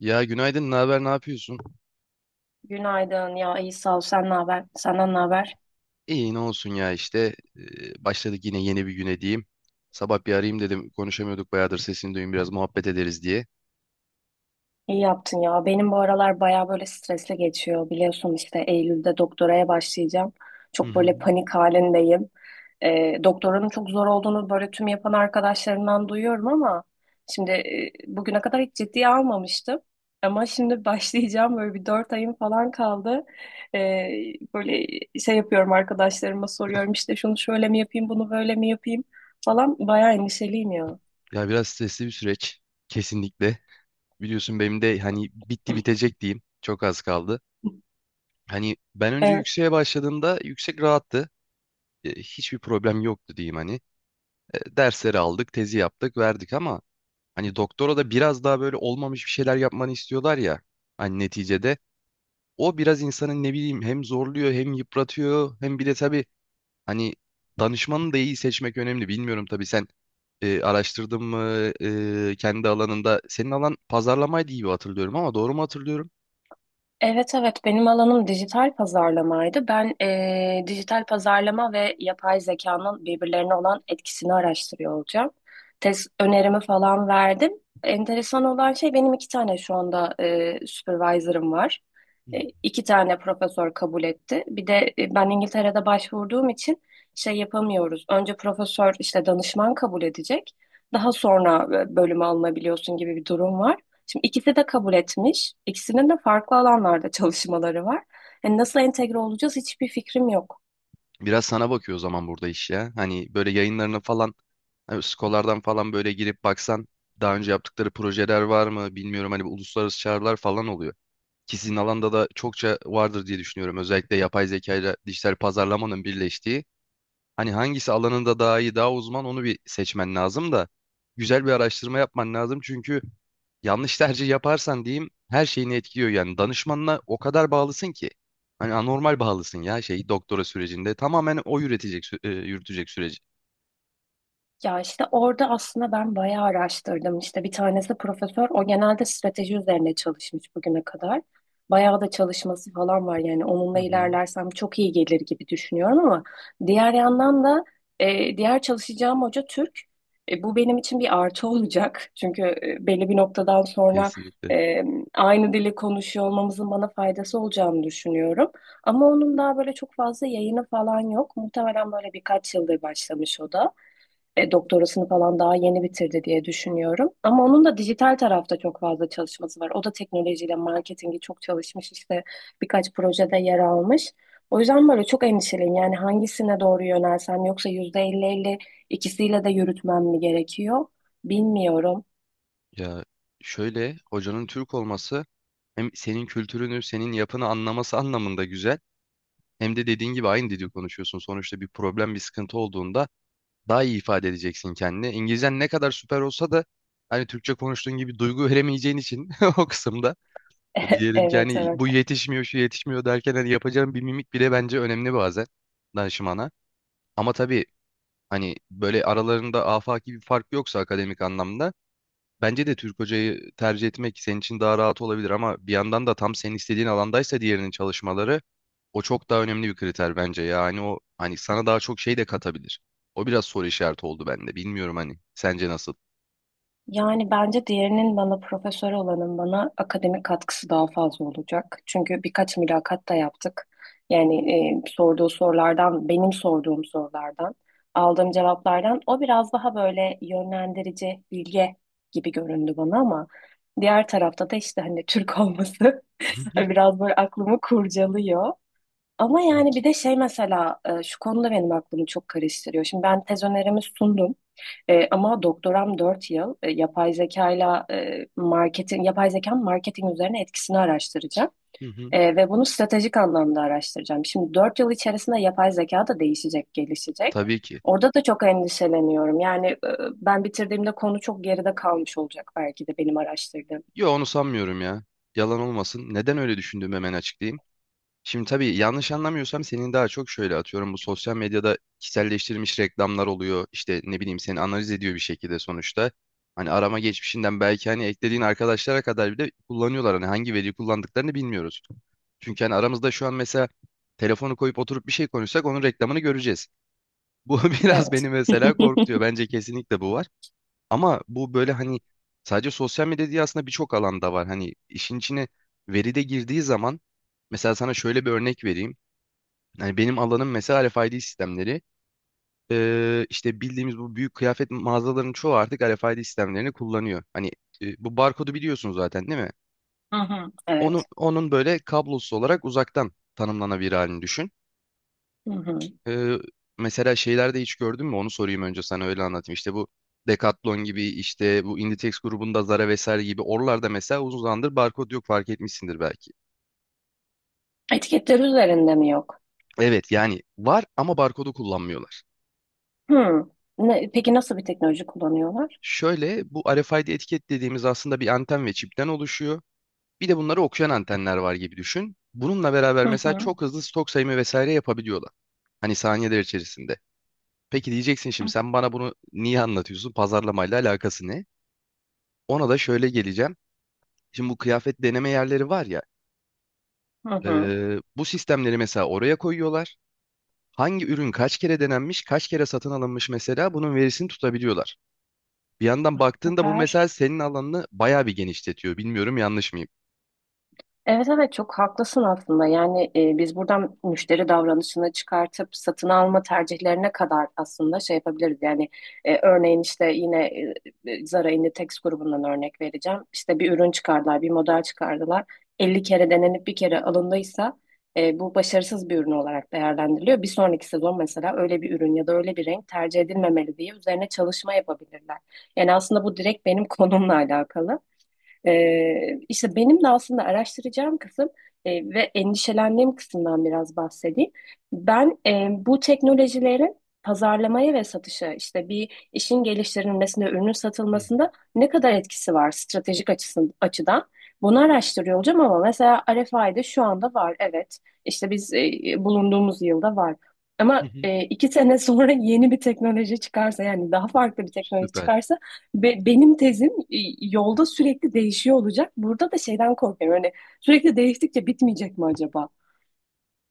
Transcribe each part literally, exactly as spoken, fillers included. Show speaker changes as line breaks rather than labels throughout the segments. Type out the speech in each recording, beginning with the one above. Ya günaydın, ne haber, ne yapıyorsun?
Günaydın ya, iyi sağ ol. Sen ne haber, senden ne haber?
İyi, ne olsun ya işte. Ee, başladık yine yeni bir güne diyeyim. Sabah bir arayayım dedim. Konuşamıyorduk bayağıdır, sesini duyayım biraz muhabbet ederiz diye.
İyi yaptın ya, benim bu aralar baya böyle stresli geçiyor, biliyorsun işte Eylül'de doktoraya başlayacağım,
Hı
çok
hı.
böyle panik halindeyim. Ee, doktoranın çok zor olduğunu böyle tüm yapan arkadaşlarımdan duyuyorum ama şimdi e, bugüne kadar hiç ciddiye almamıştım, ama şimdi başlayacağım, böyle bir dört ayım falan kaldı. Ee, Böyle şey yapıyorum, arkadaşlarıma soruyorum işte şunu şöyle mi yapayım, bunu böyle mi yapayım falan, baya endişeliyim ya.
Ya biraz stresli bir süreç. Kesinlikle. Biliyorsun benim de hani bitti bitecek diyeyim. Çok az kaldı. Hani ben önce
Evet.
yükseğe başladığımda yüksek rahattı. Ee, hiçbir problem yoktu diyeyim hani. Ee, dersleri aldık, tezi yaptık, verdik ama hani doktora da biraz daha böyle olmamış bir şeyler yapmanı istiyorlar ya. Hani neticede o biraz insanın ne bileyim hem zorluyor hem yıpratıyor hem bir de tabii hani danışmanı da iyi seçmek önemli. Bilmiyorum tabii sen e, araştırdın mı e, kendi alanında. Senin alan pazarlamaydı gibi hatırlıyorum, ama doğru mu hatırlıyorum?
Evet evet, benim alanım dijital pazarlamaydı. Ben eee, dijital pazarlama ve yapay zekanın birbirlerine olan etkisini araştırıyor olacağım. Test önerimi falan verdim. Enteresan olan şey, benim iki tane şu anda eee supervisor'ım var.
Hı.
E, iki tane profesör kabul etti. Bir de e, ben İngiltere'de başvurduğum için şey yapamıyoruz. Önce profesör işte danışman kabul edecek. Daha sonra e, bölüme alınabiliyorsun gibi bir durum var. Şimdi ikisi de kabul etmiş. İkisinin de farklı alanlarda çalışmaları var. Yani nasıl entegre olacağız, hiçbir fikrim yok.
Biraz sana bakıyor o zaman burada iş ya. Hani böyle yayınlarını falan, hani Skolar'dan falan böyle girip baksan, daha önce yaptıkları projeler var mı bilmiyorum, hani bu uluslararası çağrılar falan oluyor. Ki sizin alanda da çokça vardır diye düşünüyorum. Özellikle yapay zeka ile dijital pazarlamanın birleştiği hani hangisi alanında daha iyi, daha uzman, onu bir seçmen lazım da güzel bir araştırma yapman lazım. Çünkü yanlış tercih yaparsan diyeyim her şeyini etkiliyor yani. Danışmanına o kadar bağlısın ki. Hani anormal bağlısın ya şey doktora sürecinde. Tamamen o üretecek, sü- e, yürütecek süreci.
Ya işte orada aslında ben bayağı araştırdım. İşte bir tanesi profesör. O genelde strateji üzerine çalışmış bugüne kadar. Bayağı da çalışması falan var. Yani onunla
Hı hı.
ilerlersem çok iyi gelir gibi düşünüyorum, ama diğer yandan da e, diğer çalışacağım hoca Türk. E, bu benim için bir artı olacak. Çünkü e, belli bir noktadan sonra
Kesinlikle.
e, aynı dili konuşuyor olmamızın bana faydası olacağını düşünüyorum. Ama onun daha böyle çok fazla yayını falan yok. Muhtemelen böyle birkaç yıldır başlamış, o da e, doktorasını falan daha yeni bitirdi diye düşünüyorum. Ama onun da dijital tarafta çok fazla çalışması var. O da teknolojiyle marketingi çok çalışmış, işte birkaç projede yer almış. O yüzden böyle çok endişeliyim. Yani hangisine doğru yönelsem, yoksa yüzde elli elli ikisiyle de yürütmem mi gerekiyor? Bilmiyorum.
Ya şöyle, hocanın Türk olması hem senin kültürünü, senin yapını anlaması anlamında güzel. Hem de dediğin gibi aynı dili konuşuyorsun. Sonuçta bir problem, bir sıkıntı olduğunda daha iyi ifade edeceksin kendini. İngilizcen ne kadar süper olsa da hani Türkçe konuştuğun gibi duygu veremeyeceğin için o kısımda, diyelim ki
Evet
hani
evet.
bu yetişmiyor şu yetişmiyor derken, hani yapacağın bir mimik bile bence önemli bazen danışmana. Ama tabii hani böyle aralarında afaki bir fark yoksa akademik anlamda, bence de Türk hocayı tercih etmek senin için daha rahat olabilir. Ama bir yandan da tam senin istediğin alandaysa diğerinin çalışmaları, o çok daha önemli bir kriter bence. Yani o hani sana daha çok şey de katabilir. O biraz soru işareti oldu bende. Bilmiyorum hani. Sence nasıl?
Yani bence diğerinin, bana profesör olanın bana akademik katkısı daha fazla olacak. Çünkü birkaç mülakat da yaptık. Yani e, sorduğu sorulardan, benim sorduğum sorulardan, aldığım cevaplardan o biraz daha böyle yönlendirici, bilge gibi göründü bana, ama diğer tarafta da işte hani Türk olması
Hı hı.
biraz böyle aklımı kurcalıyor. Ama yani bir de şey mesela e, şu konuda benim aklımı çok karıştırıyor. Şimdi ben tez önerimi sundum. E, ama doktoram dört yıl e, yapay zekayla e, marketin yapay zekanın marketing üzerine etkisini araştıracağım.
Hı hı.
E, ve bunu stratejik anlamda araştıracağım. Şimdi dört yıl içerisinde yapay zeka da değişecek, gelişecek.
Tabii ki.
Orada da çok endişeleniyorum. Yani e, ben bitirdiğimde konu çok geride kalmış olacak belki de, benim araştırdığım.
Yo, onu sanmıyorum ya. Yalan olmasın, neden öyle düşündüğümü hemen açıklayayım. Şimdi tabii yanlış anlamıyorsam senin daha çok şöyle, atıyorum, bu sosyal medyada kişiselleştirilmiş reklamlar oluyor. İşte ne bileyim, seni analiz ediyor bir şekilde sonuçta. Hani arama geçmişinden belki, hani eklediğin arkadaşlara kadar bile kullanıyorlar. Hani hangi veriyi kullandıklarını bilmiyoruz. Çünkü hani aramızda şu an mesela telefonu koyup oturup bir şey konuşsak onun reklamını göreceğiz. Bu biraz
Evet.
beni mesela korkutuyor. Bence kesinlikle bu var. Ama bu böyle hani sadece sosyal medya değil, aslında birçok alanda var. Hani işin içine veri de girdiği zaman, mesela sana şöyle bir örnek vereyim. Yani benim alanım mesela R F I D sistemleri. Ee, işte bildiğimiz bu büyük kıyafet mağazalarının çoğu artık R F I D sistemlerini kullanıyor. Hani e, bu barkodu biliyorsun zaten değil mi?
Hı hı.
Onu,
Evet.
onun böyle kablosuz olarak uzaktan tanımlanabilir halini düşün.
Hı hı.
Ee, Mesela şeylerde hiç gördün mü? Onu sorayım önce, sana öyle anlatayım. İşte bu Decathlon gibi, işte bu Inditex grubunda Zara vesaire gibi, oralarda mesela uzun zamandır barkod yok, fark etmişsindir belki.
Etiketler üzerinde mi yok?
Evet yani var ama barkodu kullanmıyorlar.
Hı. Ne, peki nasıl bir teknoloji kullanıyorlar?
Şöyle, bu R F I D etiket dediğimiz aslında bir anten ve çipten oluşuyor. Bir de bunları okuyan antenler var gibi düşün. Bununla beraber
Hı
mesela
hı.
çok hızlı stok sayımı vesaire yapabiliyorlar. Hani saniyeler içerisinde. Peki diyeceksin şimdi, sen bana bunu niye anlatıyorsun? Pazarlamayla alakası ne? Ona da şöyle geleceğim. Şimdi bu kıyafet deneme yerleri var ya,
Hı
e,
hı.
bu sistemleri mesela oraya koyuyorlar. Hangi ürün kaç kere denenmiş, kaç kere satın alınmış, mesela bunun verisini tutabiliyorlar. Bir yandan baktığında bu
Süper.
mesela senin alanını bayağı bir genişletiyor. Bilmiyorum, yanlış mıyım?
Evet evet, çok haklısın aslında. Yani e, biz buradan müşteri davranışını çıkartıp satın alma tercihlerine kadar aslında şey yapabiliriz. Yani e, örneğin işte yine e, Zara Inditex grubundan örnek vereceğim. İşte bir ürün çıkardılar, bir model çıkardılar. elli kere denenip bir kere alındıysa e, bu başarısız bir ürün olarak değerlendiriliyor. Bir sonraki sezon mesela öyle bir ürün ya da öyle bir renk tercih edilmemeli diye üzerine çalışma yapabilirler. Yani aslında bu direkt benim konumla alakalı. Ee, işte benim de aslında araştıracağım kısım e, ve endişelendiğim kısımdan biraz bahsedeyim. Ben e, bu teknolojilerin pazarlamaya ve satışa, işte bir işin geliştirilmesinde, ürünün
Hı hı.
satılmasında ne kadar etkisi var stratejik açısın, açıdan? Bunu araştırıyor olacağım, ama mesela R F I'de şu anda var, evet. İşte biz, e, bulunduğumuz yılda var.
Hı
Ama
hı.
e, iki sene sonra yeni bir teknoloji çıkarsa, yani daha farklı bir teknoloji
Süper.
çıkarsa Be- benim tezim e, yolda sürekli değişiyor olacak. Burada da şeyden korkuyorum. Hani sürekli değiştikçe bitmeyecek mi acaba?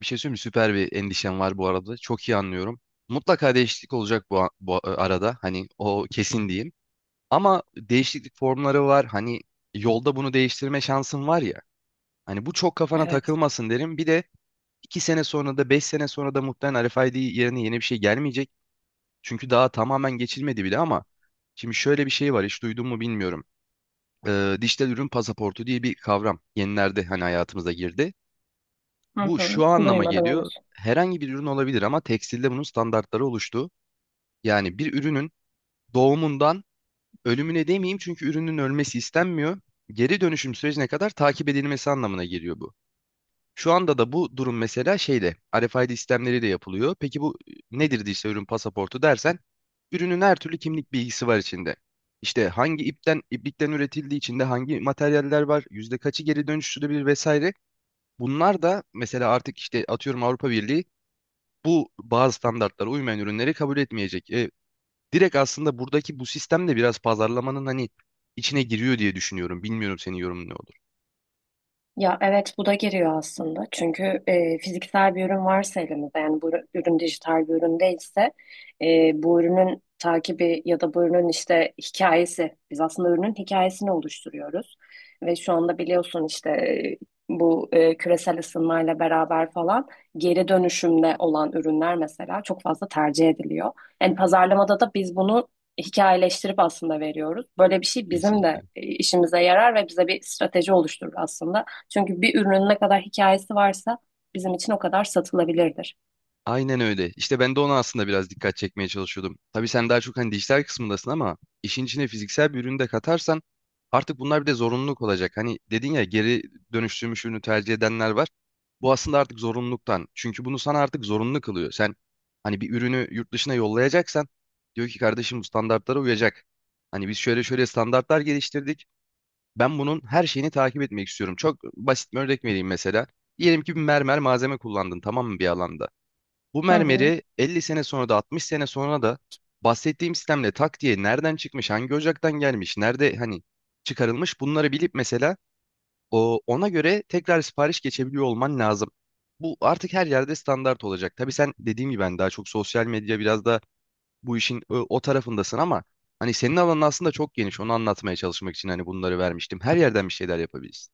Bir şey söyleyeyim mi? Süper bir endişem var bu arada. Çok iyi anlıyorum. Mutlaka değişiklik olacak bu, a- bu a- arada. Hani o kesin diyeyim. Ama değişiklik formları var. Hani yolda bunu değiştirme şansın var ya. Hani bu çok kafana
Evet.
takılmasın derim. Bir de iki sene sonra da beş sene sonra da muhtemelen R F I D yerine yeni bir şey gelmeyecek. Çünkü daha tamamen geçilmedi bile. Ama şimdi şöyle bir şey var, hiç duydun mu bilmiyorum. Ee, Dijital ürün pasaportu diye bir kavram yenilerde hani hayatımıza girdi.
Hı
Bu
hı.
şu anlama
Duymadım
geliyor:
henüz.
herhangi bir ürün olabilir ama tekstilde bunun standartları oluştu. Yani bir ürünün doğumundan ölümüne demeyeyim, çünkü ürünün ölmesi istenmiyor, geri dönüşüm sürecine kadar takip edilmesi anlamına geliyor bu. Şu anda da bu durum mesela şeyle, R F I D sistemleriyle yapılıyor. Peki bu nedir diye, işte ürün pasaportu dersen, ürünün her türlü kimlik bilgisi var içinde. İşte hangi ipten iplikten üretildiği, içinde hangi materyaller var, yüzde kaçı geri dönüştürülebilir vesaire. Bunlar da mesela artık, işte atıyorum, Avrupa Birliği bu bazı standartlara uymayan ürünleri kabul etmeyecek. E, direkt aslında buradaki bu sistem de biraz pazarlamanın hani içine giriyor diye düşünüyorum. Bilmiyorum, senin yorumun ne olur?
Ya evet, bu da giriyor aslında. Çünkü e, fiziksel bir ürün varsa elimizde, yani bu ürün dijital bir ürün değilse e, bu ürünün takibi ya da bu ürünün işte hikayesi, biz aslında ürünün hikayesini oluşturuyoruz. Ve şu anda biliyorsun işte e, bu e, küresel ısınmayla beraber falan geri dönüşümde olan ürünler mesela çok fazla tercih ediliyor. Yani pazarlamada da biz bunu hikayeleştirip aslında veriyoruz. Böyle bir şey bizim de
Kesinlikle.
e, işimize yarar ve bize bir strateji oluşturur aslında. Çünkü bir ürünün ne kadar hikayesi varsa bizim için o kadar satılabilirdir.
Aynen öyle. İşte ben de ona aslında biraz dikkat çekmeye çalışıyordum. Tabii sen daha çok hani dijital kısmındasın, ama işin içine fiziksel bir ürünü de katarsan artık bunlar bir de zorunluluk olacak. Hani dedin ya, geri dönüştürmüş ürünü tercih edenler var. Bu aslında artık zorunluluktan. Çünkü bunu sana artık zorunlu kılıyor. Sen hani bir ürünü yurt dışına yollayacaksan, diyor ki kardeşim bu standartlara uyacak. Hani biz şöyle şöyle standartlar geliştirdik. Ben bunun her şeyini takip etmek istiyorum. Çok basit bir örnek vereyim mesela. Diyelim ki bir mermer malzeme kullandın, tamam mı, bir alanda? Bu
Hı hı.
mermeri elli sene sonra da altmış sene sonra da bahsettiğim sistemle tak diye nereden çıkmış, hangi ocaktan gelmiş, nerede hani çıkarılmış, bunları bilip mesela o, ona göre tekrar sipariş geçebiliyor olman lazım. Bu artık her yerde standart olacak. Tabii sen dediğim gibi ben daha çok sosyal medya, biraz da bu işin o, o tarafındasın ama hani senin alanın aslında çok geniş. Onu anlatmaya çalışmak için hani bunları vermiştim. Her yerden bir şeyler yapabilirsin.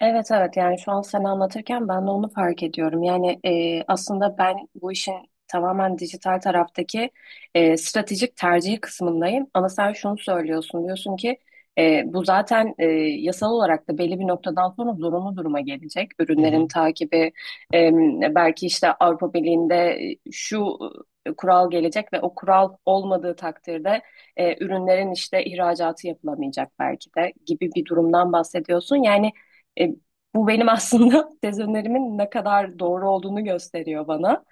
Evet evet, yani şu an sen anlatırken ben de onu fark ediyorum. Yani e, aslında ben bu işin tamamen dijital taraftaki e, stratejik tercihi kısmındayım. Ama sen şunu söylüyorsun, diyorsun ki e, bu zaten e, yasal olarak da belli bir noktadan sonra zorunlu duruma gelecek.
Hı
Ürünlerin
hı.
takibi e, belki işte Avrupa Birliği'nde e, şu e, kural gelecek ve o kural olmadığı takdirde e, ürünlerin işte ihracatı yapılamayacak belki de gibi bir durumdan bahsediyorsun. Yani e, bu benim aslında tez önerimin ne kadar doğru olduğunu gösteriyor bana.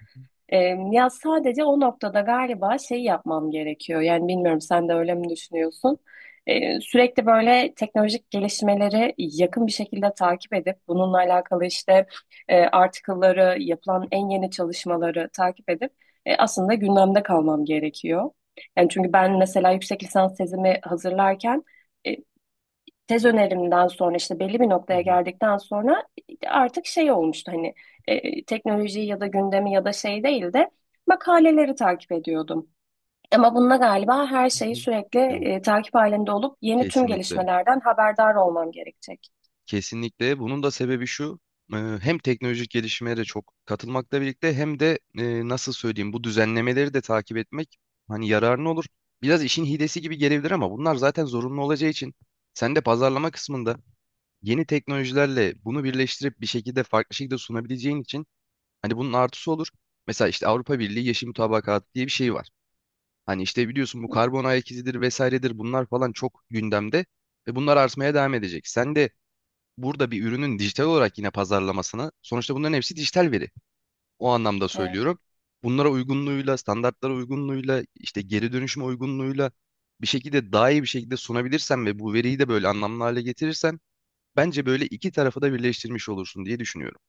E, Ya sadece o noktada galiba şey yapmam gerekiyor. Yani bilmiyorum, sen de öyle mi düşünüyorsun? E, sürekli böyle teknolojik gelişmeleri yakın bir şekilde takip edip bununla alakalı işte e, article'ları, yapılan en yeni çalışmaları takip edip e, aslında gündemde kalmam gerekiyor. Yani çünkü ben mesela yüksek lisans tezimi hazırlarken e, tez önerimden sonra işte belli bir
Hı
noktaya
hı.
geldikten sonra artık şey olmuştu hani e, teknolojiyi ya da gündemi ya da şey değil de makaleleri takip ediyordum. Ama bununla galiba her
Hı
şeyi
hı.
sürekli
Yok,
e, takip halinde olup yeni tüm
kesinlikle.
gelişmelerden haberdar olmam gerekecek.
Kesinlikle. Bunun da sebebi şu. e, Hem teknolojik gelişmeye de çok katılmakla birlikte, hem de e, nasıl söyleyeyim, bu düzenlemeleri de takip etmek hani yararlı olur. Biraz işin hilesi gibi gelebilir ama bunlar zaten zorunlu olacağı için, sen de pazarlama kısmında yeni teknolojilerle bunu birleştirip bir şekilde farklı şekilde sunabileceğin için hani bunun artısı olur. Mesela işte Avrupa Birliği Yeşil Mutabakat diye bir şey var. Hani işte biliyorsun, bu karbon ayak izidir vesairedir, bunlar falan çok gündemde ve bunlar artmaya devam edecek. Sen de burada bir ürünün dijital olarak yine pazarlamasına, sonuçta bunların hepsi dijital veri, o anlamda
Evet.
söylüyorum, bunlara uygunluğuyla, standartlara uygunluğuyla, işte geri dönüşüm uygunluğuyla bir şekilde daha iyi bir şekilde sunabilirsen ve bu veriyi de böyle anlamlı hale getirirsen, bence böyle iki tarafı da birleştirmiş olursun diye düşünüyorum.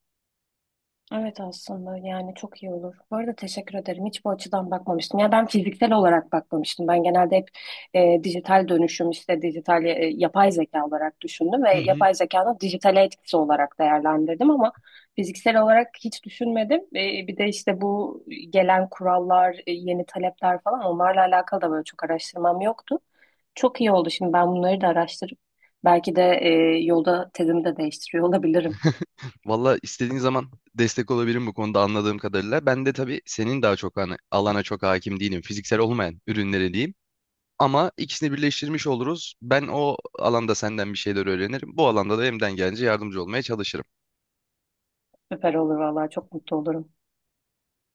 Evet aslında, yani çok iyi olur. Bu arada teşekkür ederim. Hiç bu açıdan bakmamıştım. Ya ben fiziksel olarak bakmamıştım. Ben genelde hep e, dijital dönüşüm işte dijital e, yapay zeka olarak düşündüm
Hı
ve
hı.
yapay zekanın dijitale etkisi olarak değerlendirdim, ama fiziksel olarak hiç düşünmedim. E, bir de işte bu gelen kurallar, e, yeni talepler falan onlarla alakalı da böyle çok araştırmam yoktu. Çok iyi oldu. Şimdi ben bunları da araştırıp belki de e, yolda tezimi de değiştiriyor olabilirim.
Valla, istediğin zaman destek olabilirim bu konuda anladığım kadarıyla. Ben de tabii senin daha çok hani alana çok hakim değilim, fiziksel olmayan ürünlere diyeyim. Ama ikisini birleştirmiş oluruz. Ben o alanda senden bir şeyler öğrenirim, bu alanda da elimden gelince yardımcı olmaya çalışırım.
Süper olur vallahi, çok mutlu olurum.